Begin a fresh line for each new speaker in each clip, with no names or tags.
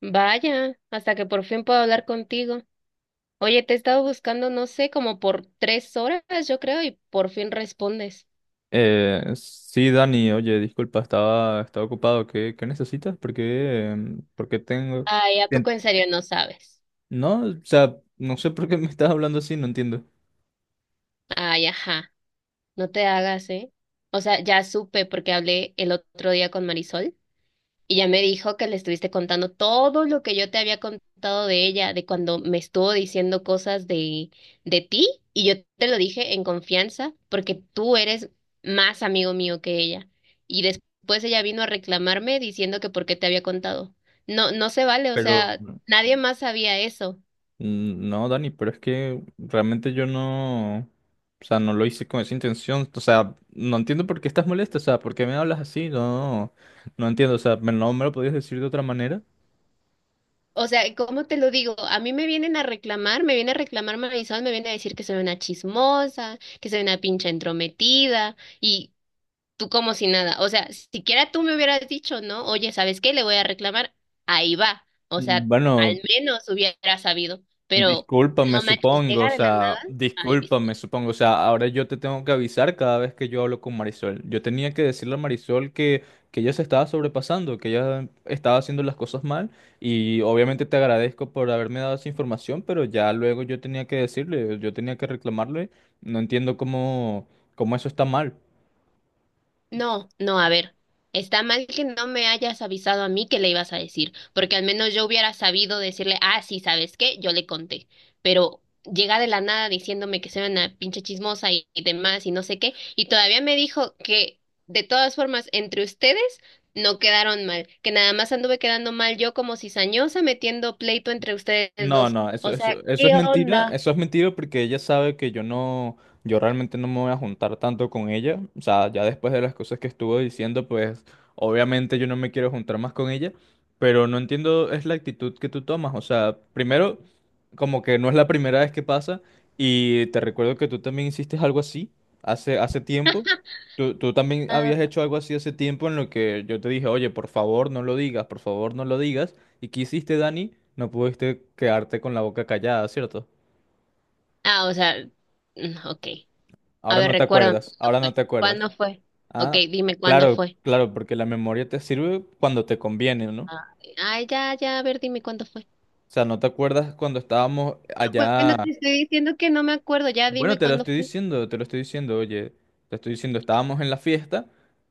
Vaya, hasta que por fin puedo hablar contigo. Oye, te he estado buscando, no sé, como por 3 horas, yo creo, y por fin respondes.
Sí, Dani, oye, disculpa, estaba ocupado. ¿Qué necesitas? ¿Por qué, por qué tengo...?
Ay, ¿a poco
Bien.
en serio no sabes?
No, o sea, no sé por qué me estás hablando así, no entiendo.
Ay, ajá, no te hagas, ¿eh? O sea, ya supe porque hablé el otro día con Marisol. Y ya me dijo que le estuviste contando todo lo que yo te había contado de ella, de cuando me estuvo diciendo cosas de ti, y yo te lo dije en confianza, porque tú eres más amigo mío que ella. Y después ella vino a reclamarme diciendo que por qué te había contado. No, no se vale, o
Pero...
sea, nadie más sabía eso.
No, Dani, pero es que realmente yo no... O sea, no lo hice con esa intención. O sea, no entiendo por qué estás molesta. O sea, ¿por qué me hablas así? No, no entiendo. O sea, no me lo podías decir de otra manera.
O sea, ¿cómo te lo digo? A mí me vienen a reclamar, me viene a reclamar Marisol, me viene a decir que soy una chismosa, que soy una pinche entrometida. Y tú como si nada. O sea, siquiera tú me hubieras dicho, ¿no? Oye, ¿sabes qué? Le voy a reclamar. Ahí va. O sea,
Bueno,
al menos hubiera sabido. Pero
discúlpame,
no manches,
supongo, o
llega de la nada.
sea,
Ay,
discúlpame,
disculpa.
supongo, o sea, ahora yo te tengo que avisar cada vez que yo hablo con Marisol. Yo tenía que decirle a Marisol que ella se estaba sobrepasando, que ella estaba haciendo las cosas mal y obviamente te agradezco por haberme dado esa información, pero ya luego yo tenía que decirle, yo tenía que reclamarle. No entiendo cómo, cómo eso está mal.
No, no, a ver, está mal que no me hayas avisado a mí que le ibas a decir, porque al menos yo hubiera sabido decirle, ah, sí, ¿sabes qué? Yo le conté, pero llega de la nada diciéndome que soy una pinche chismosa y demás y no sé qué, y todavía me dijo que de todas formas entre ustedes no quedaron mal, que nada más anduve quedando mal yo como cizañosa metiendo pleito entre ustedes
No,
dos.
no, eso,
O sea,
eso,
¿qué onda?
eso es mentira porque ella sabe que yo no, yo realmente no me voy a juntar tanto con ella, o sea, ya después de las cosas que estuvo diciendo, pues obviamente yo no me quiero juntar más con ella, pero no entiendo es la actitud que tú tomas, o sea, primero, como que no es la primera vez que pasa y te recuerdo que tú también hiciste algo así hace tiempo, tú también
Ah,
habías hecho algo así hace tiempo en lo que yo te dije, oye, por favor no lo digas, por favor no lo digas. ¿Y qué hiciste, Dani? No pudiste quedarte con la boca callada, ¿cierto?
o sea, ok. A
Ahora
ver,
no te
recuérdame
acuerdas,
cuándo
ahora no
fue.
te acuerdas.
¿Cuándo fue? Ok,
Ah,
dime cuándo
claro,
fue.
claro, porque la memoria te sirve cuando te conviene, ¿no?
Ay, ay, ya, ya, a ver, dime cuándo fue.
O sea, no te acuerdas cuando estábamos
No.
allá.
Bueno, te estoy diciendo que no me acuerdo, ya
Bueno,
dime
te lo
cuándo
estoy
fue.
diciendo, te lo estoy diciendo, oye, te estoy diciendo, estábamos en la fiesta,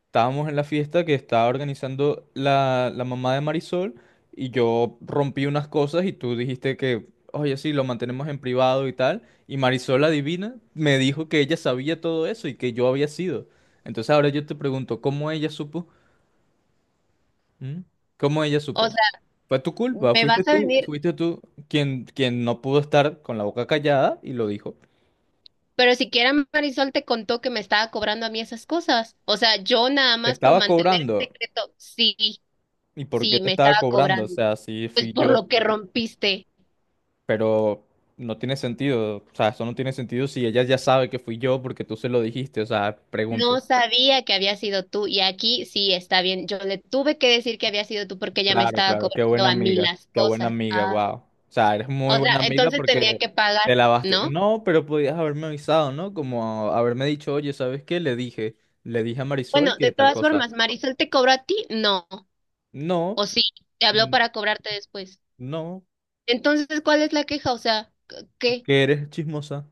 estábamos en la fiesta que estaba organizando la mamá de Marisol y yo rompí unas cosas y tú dijiste que, oye, sí, lo mantenemos en privado y tal, y Marisol, la divina, me dijo que ella sabía todo eso y que yo había sido. Entonces ahora yo te pregunto, ¿cómo ella supo? ¿Mm? ¿Cómo ella
O
supo?
sea,
Fue tu culpa,
me vas a venir,
fuiste tú quien no pudo estar con la boca callada y lo dijo.
pero siquiera Marisol te contó que me estaba cobrando a mí esas cosas. O sea, yo nada
Te
más por
estaba
mantener el
cobrando.
secreto, sí,
¿Y por qué
sí,
te
me estaba
estaba cobrando? O
cobrando.
sea, sí
Pues
fui
por
yo,
lo que rompiste.
pero no tiene sentido. O sea, eso no tiene sentido si ella ya sabe que fui yo porque tú se lo dijiste. O sea, pregunto.
No sabía que había sido tú y aquí sí está bien. Yo le tuve que decir que había sido tú porque ella me
Claro,
estaba
claro,
cobrando a mí las
qué buena
cosas.
amiga,
Ah.
wow. O sea, eres muy
O sea,
buena amiga
entonces tenía
porque
que pagar,
te lavaste.
¿no?
No, pero podías haberme avisado, ¿no? Como haberme dicho, oye, ¿sabes qué? Le dije a Marisol
Bueno, de
que tal
todas
cosa.
formas, ¿Marisol te cobró a ti? No.
No,
¿O sí? Te habló
mm,
para cobrarte después.
no,
Entonces, ¿cuál es la queja? O sea, ¿qué?
que eres chismosa.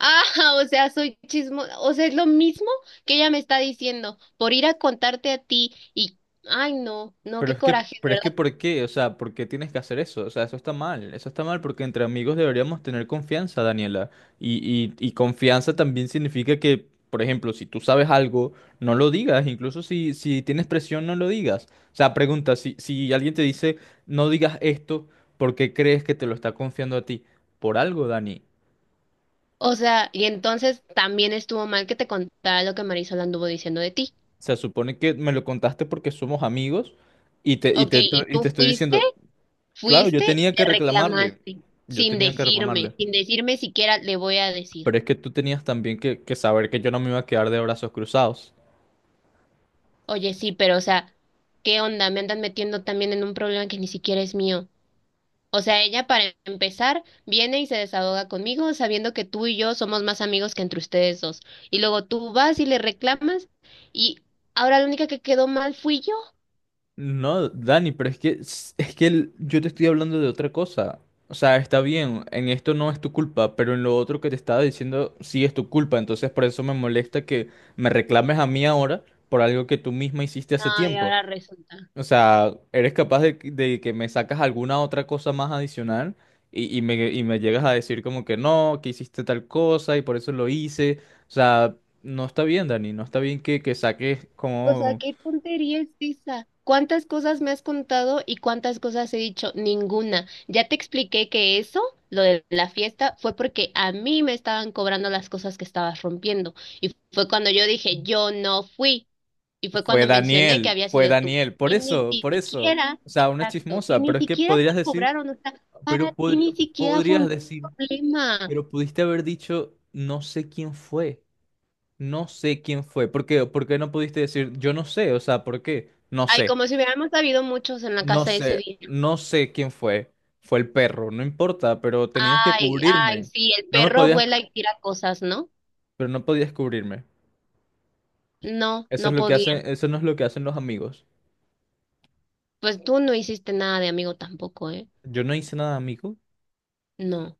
Ah, o sea, soy chismo, o sea, es lo mismo que ella me está diciendo, por ir a contarte a ti ay, no, no, qué coraje,
Pero
de
es que
verdad.
¿por qué? O sea, ¿por qué tienes que hacer eso? O sea, eso está mal. Eso está mal porque entre amigos deberíamos tener confianza, Daniela. Y, y confianza también significa que, por ejemplo, si tú sabes algo, no lo digas. Incluso si, si tienes presión, no lo digas. O sea, pregunta, si, si alguien te dice, no digas esto, ¿por qué crees que te lo está confiando a ti? Por algo, Dani.
O sea, y entonces también estuvo mal que te contara lo que Marisol anduvo diciendo de ti.
Se supone que me lo contaste porque somos amigos y te, y
Ok,
te,
¿y
y
tú
te estoy
fuiste?
diciendo, claro,
Fuiste
yo
y
tenía que
le
reclamarle.
reclamaste,
Yo
sin
tenía que
decirme,
reclamarle.
sin decirme siquiera le voy a decir.
Pero es que tú tenías también que saber que yo no me iba a quedar de brazos cruzados.
Oye, sí, pero o sea, ¿qué onda? Me andan metiendo también en un problema que ni siquiera es mío. O sea, ella para empezar viene y se desahoga conmigo sabiendo que tú y yo somos más amigos que entre ustedes dos. Y luego tú vas y le reclamas y ahora la única que quedó mal fui yo.
No, Dani, pero es que yo te estoy hablando de otra cosa. O sea, está bien, en esto no es tu culpa, pero en lo otro que te estaba diciendo sí es tu culpa. Entonces por eso me molesta que me reclames a mí ahora por algo que tú misma hiciste hace
Ay,
tiempo.
ahora resulta.
O sea, eres capaz de que me sacas alguna otra cosa más adicional y me llegas a decir como que no, que hiciste tal cosa y por eso lo hice. O sea, no está bien, Dani, no está bien que saques
O sea,
como
qué tontería es esa. ¿Cuántas cosas me has contado y cuántas cosas he dicho? Ninguna. Ya te expliqué que eso, lo de la fiesta, fue porque a mí me estaban cobrando las cosas que estabas rompiendo. Y fue cuando yo dije, yo no fui. Y fue cuando mencioné que había
Fue
sido tú.
Daniel, por
Y ni
eso, por eso.
siquiera,
O sea, una
exacto, y
chismosa,
ni
pero es que
siquiera te
podrías decir,
cobraron. O sea,
pero
para ti ni siquiera fue
podrías
un
decir,
problema.
pero pudiste haber dicho no sé quién fue, no sé quién fue. ¿Por qué? ¿Por qué no pudiste decir yo no sé? O sea, ¿por qué? No
Ay,
sé.
como si hubiéramos habido muchos en la
No
casa ese
sé,
día.
no sé quién fue. Fue el perro, no importa, pero tenías que
Ay, ay,
cubrirme.
sí, el
No me
perro
podías,
vuela y tira cosas, ¿no?
pero no podías cubrirme.
No,
Eso es
no
lo que
podía.
hacen, eso no es lo que hacen los amigos.
Pues tú no hiciste nada de amigo tampoco, ¿eh?
Yo no hice nada, amigo.
No.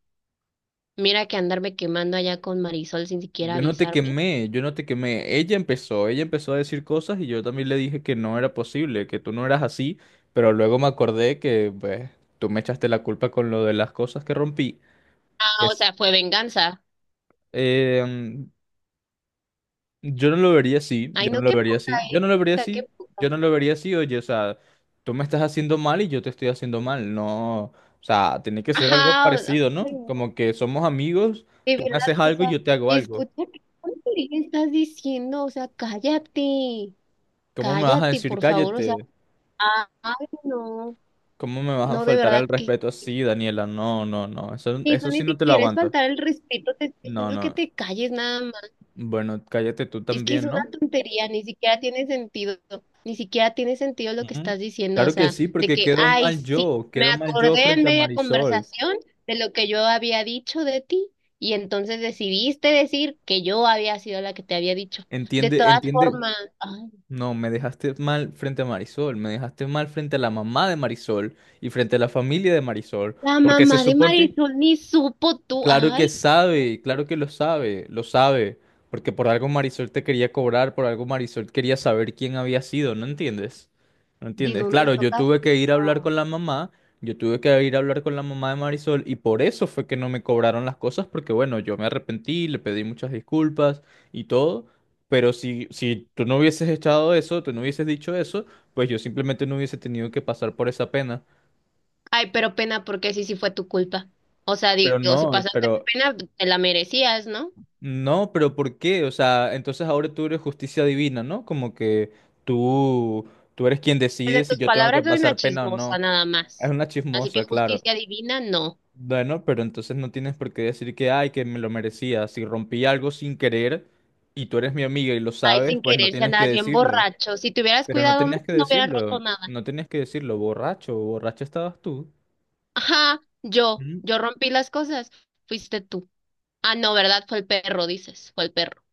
Mira que andarme quemando allá con Marisol sin siquiera
Yo no te
avisarme.
quemé, yo no te quemé. Ella empezó a decir cosas y yo también le dije que no era posible, que tú no eras así, pero luego me acordé que pues, tú me echaste la culpa con lo de las cosas que rompí.
Ah, o
Es.
sea, fue venganza.
Eh, Yo no lo vería así,
Ay,
yo no
no,
lo
qué
vería
poca,
así, yo
¿eh?
no lo vería
Puta, qué
así, yo
poca.
no lo vería así, oye, o sea, tú me estás haciendo mal y yo te estoy haciendo mal, no, o sea, tiene que ser algo
Ajá,
parecido,
ay,
¿no?
no.
Como que somos amigos,
De
tú me
verdad,
haces
o
algo y
sea,
yo te hago algo.
escucha qué tontería estás diciendo, o sea, cállate,
¿Cómo me vas a
cállate,
decir
por favor, o sea,
cállate?
ah, ay, no.
¿Cómo me vas a
No, de
faltar
verdad,
al respeto así, Daniela? No, no, no, eso,
y eso
eso
ni
sí no te lo
siquiera es
aguanto.
faltar el respeto, te estoy
No,
diciendo que
no,
te calles nada más.
bueno, cállate tú
Es que es
también,
una
¿no?
tontería, ni siquiera tiene sentido, ni siquiera tiene sentido lo que
Ujú.
estás diciendo, o
Claro que
sea,
sí,
de
porque
que, ay, sí, me
quedo mal yo
acordé en
frente a
media
Marisol.
conversación de lo que yo había dicho de ti y entonces decidiste decir que yo había sido la que te había dicho. De
Entiende,
todas
entiende.
formas, ay,
No, me dejaste mal frente a Marisol, me dejaste mal frente a la mamá de Marisol y frente a la familia de Marisol,
la
porque
mamá
se
de
supone,
Marisol ni supo tú,
claro que
ay, no,
sabe, claro que lo sabe, porque por algo Marisol te quería cobrar, por algo Marisol quería saber quién había sido, ¿no entiendes? ¿No
¿de
entiendes?
dónde
Claro, yo tuve
sacaste?
que ir a hablar con la mamá, yo tuve que ir a hablar con la mamá de Marisol y por eso fue que no me cobraron las cosas, porque bueno, yo me arrepentí, le pedí muchas disculpas y todo, pero si, si tú no hubieses echado eso, tú no hubieses dicho eso, pues yo simplemente no hubiese tenido que pasar por esa pena.
Ay, pero pena porque sí, sí fue tu culpa. O sea,
Pero
digo, si
no,
pasaste
pero
pena, te la merecías, ¿no?
no, pero ¿por qué? O sea, entonces ahora tú eres justicia divina, ¿no? Como que tú, tú eres quien
Pues
decide
en
si
tus
yo tengo que
palabras soy una
pasar pena o
chismosa
no.
nada
Es
más.
una
Así que
chismosa, claro.
justicia divina, no.
Bueno, pero entonces no tienes por qué decir que, ay, que me lo merecía. Si rompí algo sin querer y tú eres mi amiga y lo
Ay,
sabes,
sin
pues no
querer, si
tienes que
andabas bien
decirlo.
borracho. Si te hubieras
Pero no
cuidado más,
tenías que
no hubieras roto
decirlo,
nada.
no tenías que decirlo, borracho, borracho estabas tú.
Ajá, yo rompí las cosas. Fuiste tú. Ah, no, ¿verdad? Fue el perro, dices. Fue el perro.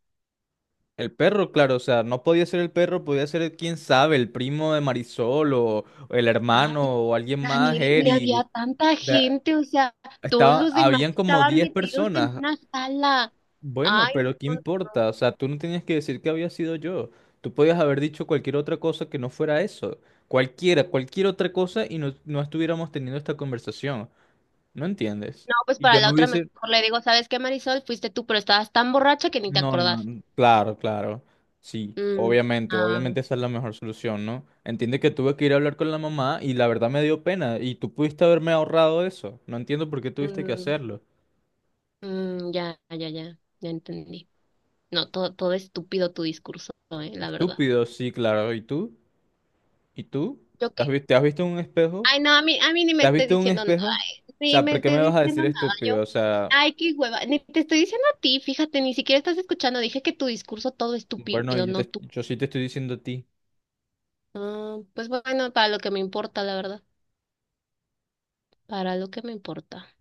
El perro, claro, o sea, no podía ser el perro, podía ser quién sabe, el primo de Marisol o el hermano
Ay,
o alguien más,
Daniel, ni había
Eric.
tanta
Da-
gente. O sea, todos
Estaba,
los demás
habían como
estaban
10
metidos en
personas.
una sala.
Bueno,
Ay, no,
pero ¿qué
no, no.
importa? O sea, tú no tenías que decir que había sido yo. Tú podías haber dicho cualquier otra cosa que no fuera eso. Cualquiera, cualquier otra cosa y no, no estuviéramos teniendo esta conversación. ¿No entiendes?
No, pues
Y
para
yo
la
no
otra mejor
hubiese...
le digo, ¿sabes qué, Marisol? Fuiste tú, pero estabas tan borracha que ni te
No,
acordaste.
no, claro, claro. Sí,
Mm,
obviamente,
ah,
obviamente esa es la mejor solución, ¿no? Entiende que tuve que ir a hablar con la mamá y la verdad me dio pena y tú pudiste haberme ahorrado eso. No entiendo por qué tuviste que
mm,
hacerlo.
ya, ya, ya, ya entendí. No, todo estúpido tu discurso, la verdad.
Estúpido, sí, claro. ¿Y tú? ¿Y tú?
¿Yo qué?
¿Te has visto en un espejo?
Ay, no, a mí ni me
¿Te has
estés
visto en un
diciendo nada.
espejo? O
Ay, ni
sea,
me
¿por qué
estés
me vas a
diciendo
decir
nada.
estúpido?
Yo,
O sea,
ay, qué hueva. Ni te estoy diciendo a ti, fíjate, ni siquiera estás escuchando. Dije que tu discurso todo
bueno,
estúpido,
yo,
no tú.
yo sí te estoy diciendo a ti.
Ah, pues bueno, para lo que me importa, la verdad. Para lo que me importa.